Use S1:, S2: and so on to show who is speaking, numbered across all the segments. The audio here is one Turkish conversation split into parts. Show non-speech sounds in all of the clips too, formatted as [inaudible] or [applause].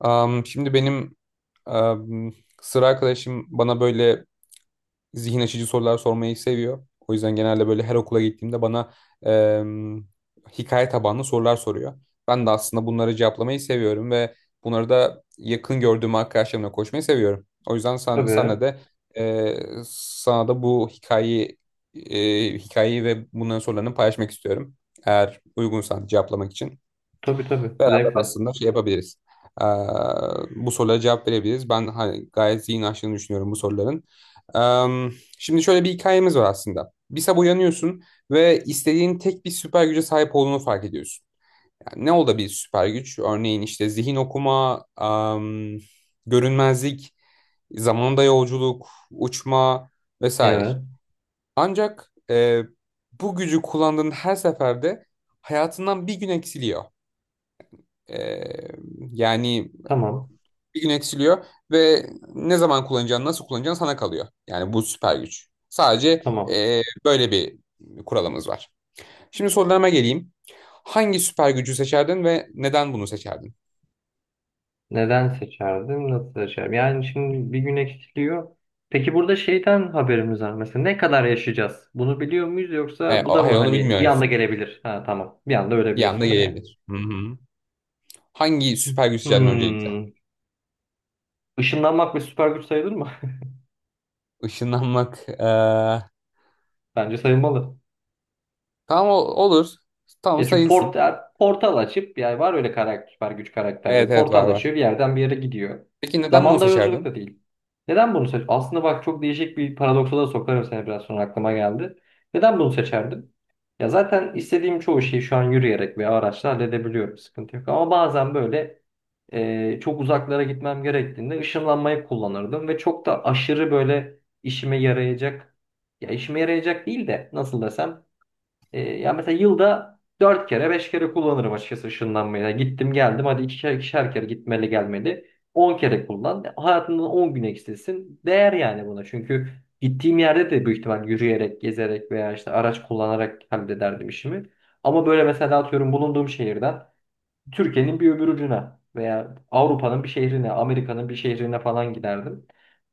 S1: Şimdi benim am, sıra arkadaşım bana böyle zihin açıcı sorular sormayı seviyor. O yüzden genelde böyle her okula gittiğimde bana em, hikaye tabanlı sorular soruyor. Ben de aslında bunları cevaplamayı seviyorum ve bunları da yakın gördüğüm arkadaşlarımla koşmayı seviyorum. O yüzden senle
S2: Tabii.
S1: de e, sana da bu hikayeyi hikayeyi ve bunların sorularını paylaşmak istiyorum. Eğer uygunsan cevaplamak için.
S2: Tabii tabii.
S1: Beraber
S2: Zevkle.
S1: aslında şey yapabiliriz. Ee, bu sorulara cevap verebiliriz. Ben hani gayet zihin açtığını düşünüyorum bu soruların. Ee, şimdi şöyle bir hikayemiz var aslında. Bir sabah uyanıyorsun ve istediğin tek bir süper güce sahip olduğunu fark ediyorsun. Yani ne olabilir süper güç? Örneğin işte zihin okuma, görünmezlik, zamanda yolculuk, uçma vesaire.
S2: Evet.
S1: Ancak bu gücü kullandığın her seferde hayatından bir gün eksiliyor. Ee, yani
S2: Tamam.
S1: bir gün eksiliyor ve ne zaman kullanacağın, nasıl kullanacağın sana kalıyor. Yani bu süper güç. Sadece
S2: Tamam.
S1: böyle bir kuralımız var. Şimdi sorularıma geleyim. Hangi süper gücü seçerdin ve neden bunu seçerdin?
S2: Neden seçerdim? Nasıl seçerim? Yani şimdi bir gün eksiliyor. Peki burada şeyden haberimiz var mesela. Ne kadar yaşayacağız? Bunu biliyor muyuz,
S1: E,
S2: yoksa bu
S1: o-
S2: da mı
S1: hayır onu
S2: hani bir
S1: bilmiyoruz.
S2: anda gelebilir? Ha tamam. Bir anda
S1: Bir anda
S2: ölebilirsin bile yani.
S1: gelebilir. Hı hı. Hangi süper güç seçerdin öncelikle?
S2: Hmm. Işınlanmak bir süper güç sayılır mı?
S1: Işınlanmak. E,
S2: [laughs] Bence sayılmalı.
S1: tamam olur. Tamam
S2: Ya çünkü
S1: sayılsın.
S2: portal açıp, yani var öyle karakter, süper güç karakterleri.
S1: Evet evet
S2: Portal
S1: var var.
S2: açıyor, bir yerden bir yere gidiyor.
S1: Peki neden bunu
S2: Zamanda yolculuk
S1: seçerdin?
S2: da değil. Neden bunu seç? Aslında bak, çok değişik bir paradoksa da sokarım seni, biraz sonra aklıma geldi. Neden bunu seçerdim? Ya zaten istediğim çoğu şeyi şu an yürüyerek veya araçla halledebiliyorum. Sıkıntı yok. Ama bazen böyle çok uzaklara gitmem gerektiğinde ışınlanmayı kullanırdım ve çok da aşırı böyle işime yarayacak, ya işime yarayacak değil de nasıl desem, ya mesela yılda 4 kere 5 kere kullanırım açıkçası ışınlanmayı. Yani gittim geldim, hadi ikişer ikişer kere gitmeli gelmeli. 10 kere kullan, hayatından 10 gün eksilsin. Değer yani buna. Çünkü gittiğim yerde de büyük ihtimal yürüyerek, gezerek veya işte araç kullanarak hallederdim işimi. Ama böyle mesela atıyorum, bulunduğum şehirden Türkiye'nin bir öbür ucuna veya Avrupa'nın bir şehrine, Amerika'nın bir şehrine falan giderdim.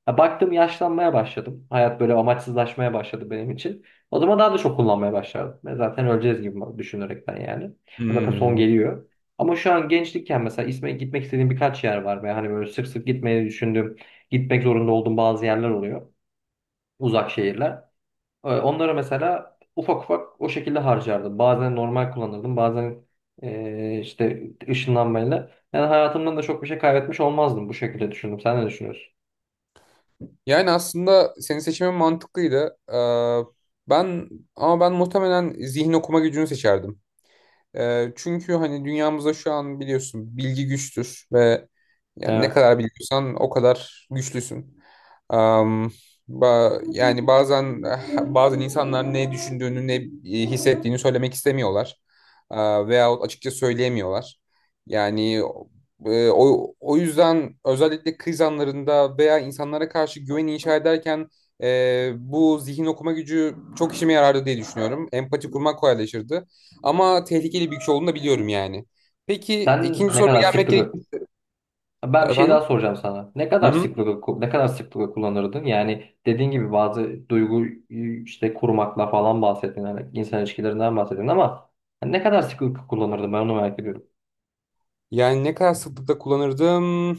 S2: Ya baktım yaşlanmaya başladım, hayat böyle amaçsızlaşmaya başladı benim için. O zaman daha da çok kullanmaya başladım. Ben zaten öleceğiz gibi düşünerekten yani. Zaten son
S1: Hmm.
S2: geliyor. Ama şu an gençlikken mesela isme gitmek istediğim birkaç yer var. Ve hani böyle sık sık gitmeyi düşündüğüm, gitmek zorunda olduğum bazı yerler oluyor. Uzak şehirler. Onlara mesela ufak ufak o şekilde harcardım. Bazen normal kullanırdım, bazen işte ışınlanmayla. Yani hayatımdan da çok bir şey kaybetmiş olmazdım, bu şekilde düşündüm. Sen ne düşünüyorsun?
S1: Yani aslında senin seçimin mantıklıydı. Ben ama ben muhtemelen zihin okuma gücünü seçerdim. Çünkü hani dünyamızda şu an biliyorsun bilgi güçtür ve yani ne
S2: Evet.
S1: kadar biliyorsan o kadar güçlüsün. Am, yani bazen bazen insanlar ne düşündüğünü ne hissettiğini söylemek istemiyorlar. Veyahut açıkça söyleyemiyorlar. Yani o yüzden özellikle kriz anlarında veya insanlara karşı güven inşa ederken bu zihin okuma gücü çok işime yarardı diye düşünüyorum. Empati kurmak kolaylaşırdı. Ama tehlikeli bir güç olduğunu da biliyorum yani. Peki
S2: Sen
S1: ikinci.
S2: ne
S1: Ha.
S2: kadar
S1: Gelmek gerekir.
S2: sıklıkla, ben bir şey
S1: Efendim.
S2: daha soracağım sana. Ne
S1: Hı
S2: kadar
S1: hı.
S2: sıklıkla ne kadar sıklıkla kullanırdın? Yani dediğin gibi bazı duygu işte kurmakla falan bahsettin. Yani insan ilişkilerinden bahsettin ama ne kadar sıklıkla kullanırdın? Ben onu merak ediyorum.
S1: Yani ne kadar sıklıkla kullanırdım?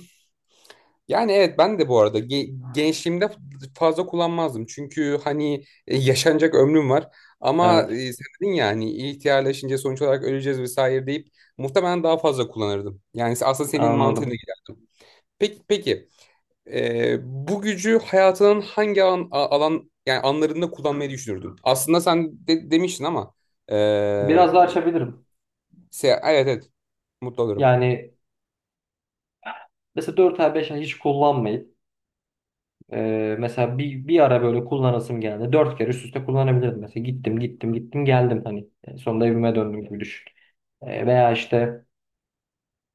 S1: Yani evet ben de bu arada gençliğimde fazla kullanmazdım. Çünkü hani yaşanacak ömrüm var. Ama
S2: Evet,
S1: sen dedin ya hani ihtiyarlaşınca sonuç olarak öleceğiz vesaire deyip muhtemelen daha fazla kullanırdım. Yani aslında senin mantığına
S2: anladım.
S1: giderdim. Peki, peki. Bu gücü hayatının hangi alan yani anlarında kullanmayı düşünürdün? Aslında sen de, demiştin ama ee,
S2: Biraz daha açabilirim.
S1: evet evet mutlu olurum.
S2: Yani mesela 4 ay 5 ay hiç kullanmayıp mesela bir ara böyle kullanasım geldi. 4 kere üst üste kullanabilirdim. Mesela gittim gittim gittim geldim, hani sonunda evime döndüm gibi düşün. Veya işte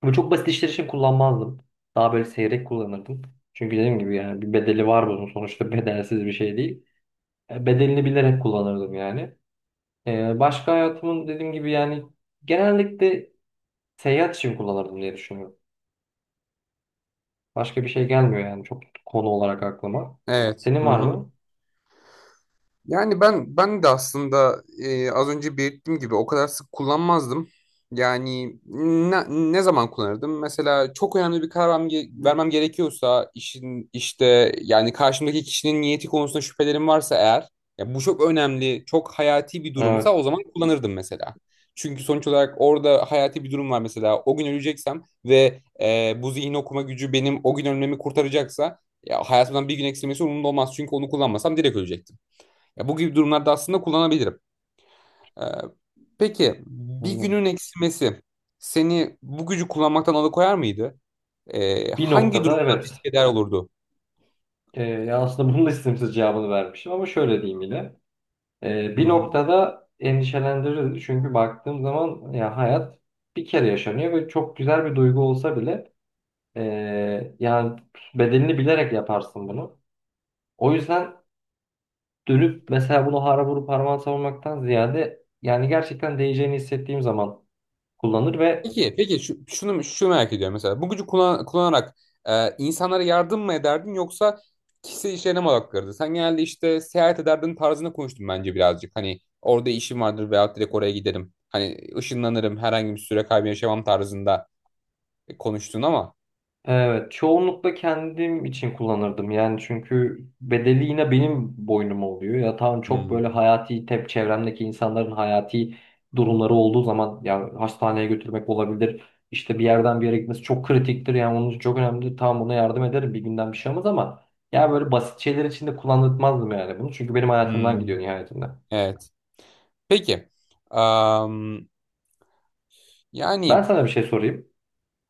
S2: bu çok basit işler için kullanmazdım. Daha böyle seyrek kullanırdım. Çünkü dediğim gibi yani bir bedeli var bunun, sonuçta [laughs] bedelsiz bir şey değil. Bedelini bilerek kullanırdım yani. Başka hayatımın, dediğim gibi yani, genellikle seyahat için kullanırdım diye düşünüyorum. Başka bir şey gelmiyor yani çok konu olarak aklıma.
S1: Evet.
S2: Senin
S1: Hı
S2: var
S1: hı.
S2: mı?
S1: Yani ben de aslında az önce belirttiğim gibi o kadar sık kullanmazdım. Yani ne, ne zaman kullanırdım? Mesela çok önemli bir karar vermem gerekiyorsa işin işte yani karşımdaki kişinin niyeti konusunda şüphelerim varsa eğer ya bu çok önemli, çok hayati bir durumsa
S2: Evet.
S1: o zaman kullanırdım mesela. Çünkü sonuç olarak orada hayati bir durum var mesela. O gün öleceksem ve bu zihin okuma gücü benim o gün ölmemi kurtaracaksa ya hayatımdan bir gün eksilmesi umurumda olmaz. Çünkü onu kullanmasam direkt ölecektim. Ya bu gibi durumlarda aslında kullanabilirim. Ee, peki bir
S2: Anladım.
S1: günün eksilmesi seni bu gücü kullanmaktan alıkoyar mıydı?
S2: Bir
S1: Hangi
S2: noktada
S1: durumda
S2: evet.
S1: risk eder olurdu?
S2: Ya aslında bunun da istemsiz cevabını vermişim ama şöyle diyeyim yine. Ee,
S1: Hı
S2: bir
S1: hı.
S2: noktada endişelendirir. Çünkü baktığım zaman ya hayat bir kere yaşanıyor ve çok güzel bir duygu olsa bile, yani bedelini bilerek yaparsın bunu. O yüzden dönüp mesela bunu hara vurup harman savurmaktan ziyade, yani gerçekten değeceğini hissettiğim zaman kullanır ve
S1: Peki, peki şu merak ediyorum mesela bu gücü kullanarak insanlara yardım mı ederdin yoksa kişisel işlerine mi odaklanırdın? Sen genelde işte seyahat ederdin tarzında konuştun bence birazcık. Hani orada işim vardır veya direkt oraya giderim. Hani ışınlanırım herhangi bir süre kaybı yaşamam tarzında konuştun ama.
S2: evet, çoğunlukla kendim için kullanırdım. Yani çünkü bedeli yine benim boynuma oluyor. Ya tamam, çok böyle
S1: Hmm.
S2: hayati, çevremdeki insanların hayati durumları olduğu zaman, ya hastaneye götürmek olabilir. İşte bir yerden bir yere gitmesi çok kritiktir, yani onun için çok önemlidir. Tamam, ona yardım ederim, bir günden bir şey olmaz ama ya böyle basit şeyler için de kullanılmazdım yani bunu. Çünkü benim hayatımdan
S1: Hmm.
S2: gidiyor nihayetinde.
S1: Evet. Peki. Am,
S2: Ben
S1: yani
S2: sana bir şey sorayım.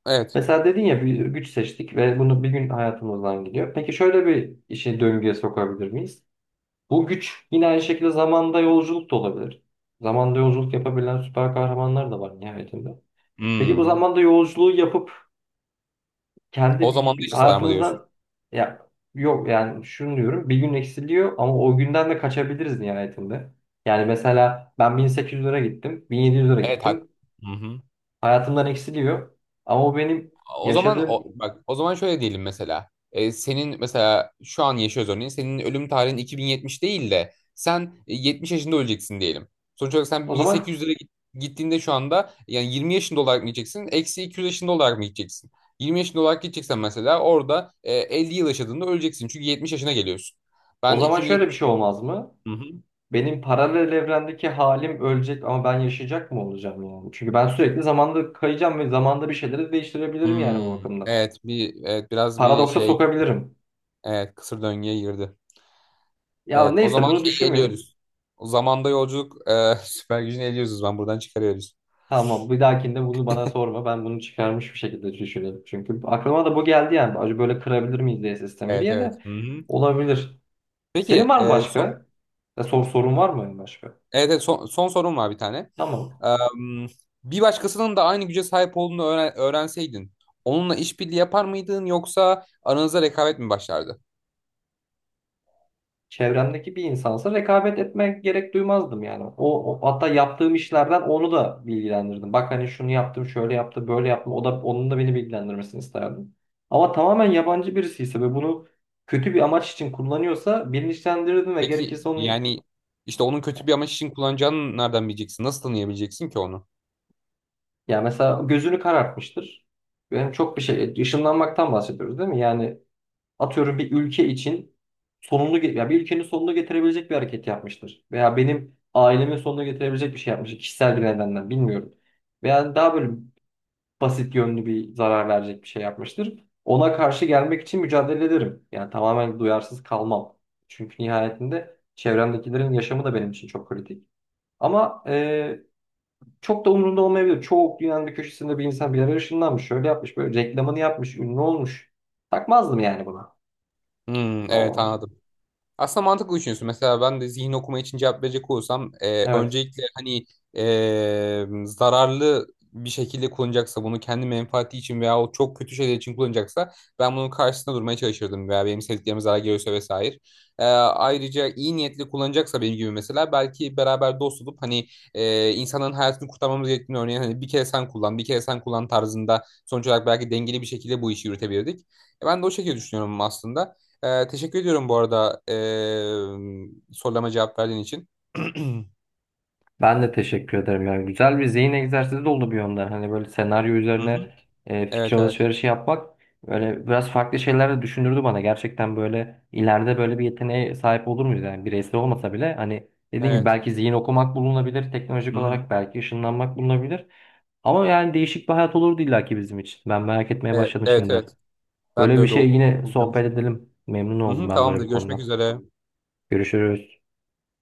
S1: evet.
S2: Mesela dedin ya, bir güç seçtik ve bunu bir gün hayatımızdan gidiyor. Peki şöyle bir işi döngüye sokabilir miyiz? Bu güç yine aynı şekilde zamanda yolculuk da olabilir. Zamanda yolculuk yapabilen süper kahramanlar da var nihayetinde. Peki bu
S1: Hmm.
S2: zamanda yolculuğu yapıp
S1: O
S2: kendi
S1: zaman
S2: bir,
S1: da
S2: bir
S1: hiç sarma diyorsun.
S2: hayatımızdan, ya yok, yani şunu diyorum: bir gün eksiliyor ama o günden de kaçabiliriz nihayetinde. Yani mesela ben 1800 lira gittim, 1700 lira
S1: Evet hak.
S2: gittim.
S1: Hı hı.
S2: Hayatımdan eksiliyor ama o benim
S1: O zaman o,
S2: yaşadığım.
S1: bak o zaman şöyle diyelim mesela. Senin mesela şu an yaşıyoruz örneğin. Senin ölüm tarihin 2070 değil de sen 70 yaşında öleceksin diyelim. Sonuç olarak sen
S2: o zaman
S1: 1800'lere gittiğinde şu anda yani 20 yaşında olarak mı gideceksin? Eksi 200 yaşında olarak mı gideceksin? 20 yaşında olarak gideceksen mesela orada 50 yıl yaşadığında öleceksin. Çünkü 70 yaşına geliyorsun.
S2: o
S1: Ben
S2: zaman şöyle bir
S1: 2070...
S2: şey olmaz mı? Benim paralel evrendeki halim ölecek ama ben yaşayacak mı olacağım yani? Çünkü ben sürekli zamanda kayacağım ve zamanda bir şeyleri değiştirebilirim, yani bu
S1: Hmm,
S2: bakımdan.
S1: evet bir evet biraz bir
S2: Paradoksa
S1: şey,
S2: sokabilirim.
S1: evet, kısır döngüye girdi.
S2: Ya
S1: Evet o
S2: neyse,
S1: zaman
S2: bunu
S1: şeyi
S2: düşünmeyelim.
S1: eliyoruz. O zamanda yolculuk [laughs] süper gücünü eliyoruz ben buradan çıkarıyoruz.
S2: Tamam, bir dahakinde bunu bana sorma. Ben bunu çıkarmış bir şekilde düşünelim. Çünkü aklıma da bu geldi yani. Acaba böyle kırabilir miyiz diye sistemi,
S1: Evet
S2: diye
S1: evet.
S2: de
S1: Hı-hı.
S2: olabilir. Senin
S1: Peki
S2: var mı
S1: son
S2: başka? Ya, sorun var mı başka?
S1: evet, evet son, son sorum var bir tane.
S2: Tamam.
S1: Em, bir başkasının da aynı güce sahip olduğunu öğrenseydin onunla işbirliği yapar mıydın yoksa aranızda rekabet mi başlardı?
S2: Çevremdeki bir insansa rekabet etmek gerek duymazdım yani. Hatta yaptığım işlerden onu da bilgilendirdim. Bak hani, şunu yaptım, şöyle yaptım, böyle yaptım. O da, onun da beni bilgilendirmesini isterdim. Ama tamamen yabancı birisi ise ve bunu kötü bir amaç için kullanıyorsa bilinçlendirirdim ve
S1: Peki
S2: gerekirse onu,
S1: yani işte onun kötü bir amaç için kullanacağını nereden bileceksin? Nasıl tanıyabileceksin ki onu?
S2: yani mesela gözünü karartmıştır. Yani çok bir şey, ışınlanmaktan bahsediyoruz değil mi? Yani atıyorum, bir ülke için ya bir ülkenin sonunu getirebilecek bir hareket yapmıştır. Veya benim ailemin sonunu getirebilecek bir şey yapmıştır, kişisel bir nedenden bilmiyorum. Veya daha böyle basit yönlü bir zarar verecek bir şey yapmıştır. Ona karşı gelmek için mücadele ederim. Yani tamamen duyarsız kalmam. Çünkü nihayetinde çevremdekilerin yaşamı da benim için çok kritik. Ama çok da umurumda olmayabilir. Çoğu dünyanın bir köşesinde bir insan bir yere ışınlanmış, şöyle yapmış, böyle reklamını yapmış, ünlü olmuş. Takmazdım yani
S1: Hmm, evet
S2: buna.
S1: anladım. Aslında mantıklı düşünüyorsun. Mesela ben de zihin okuma için cevap verecek olursam
S2: Evet.
S1: öncelikle hani zararlı bir şekilde kullanacaksa bunu kendi menfaati için veya o çok kötü şeyler için kullanacaksa ben bunun karşısında durmaya çalışırdım veya benim sevdiklerime zarar geliyorsa vesaire. Ayrıca iyi niyetli kullanacaksa benim gibi mesela belki beraber dost olup hani insanların hayatını kurtarmamız gerektiğini örneğin hani bir kere sen kullan bir kere sen kullan tarzında sonuç olarak belki dengeli bir şekilde bu işi yürütebilirdik. Ben de o şekilde düşünüyorum aslında. Teşekkür ediyorum bu arada sorulama cevap verdiğin için. [clears throat]
S2: Ben de teşekkür ederim ya. Güzel bir zihin egzersizi de oldu bir yönden. Hani böyle senaryo
S1: Hı hı.
S2: üzerine
S1: Evet
S2: fikir
S1: evet.
S2: alışverişi yapmak, böyle biraz farklı şeyler de düşündürdü bana. Gerçekten böyle ileride böyle bir yeteneğe sahip olur muyuz? Yani bireysel olmasa bile, hani dediğim gibi,
S1: Evet.
S2: belki zihin okumak bulunabilir. Teknolojik
S1: Hı hı.
S2: olarak belki ışınlanmak bulunabilir. Ama yani değişik bir hayat olurdu illaki bizim için. Ben merak etmeye
S1: Evet
S2: başladım
S1: evet.
S2: şimdiden.
S1: Evet. Ben de
S2: Böyle bir
S1: öyle
S2: şey yine
S1: olacağımı
S2: sohbet
S1: düşünüyorum.
S2: edelim. Memnun
S1: Hı hı,
S2: oldum ben böyle
S1: tamamdır.
S2: bir
S1: Görüşmek
S2: konudan.
S1: üzere.
S2: Görüşürüz.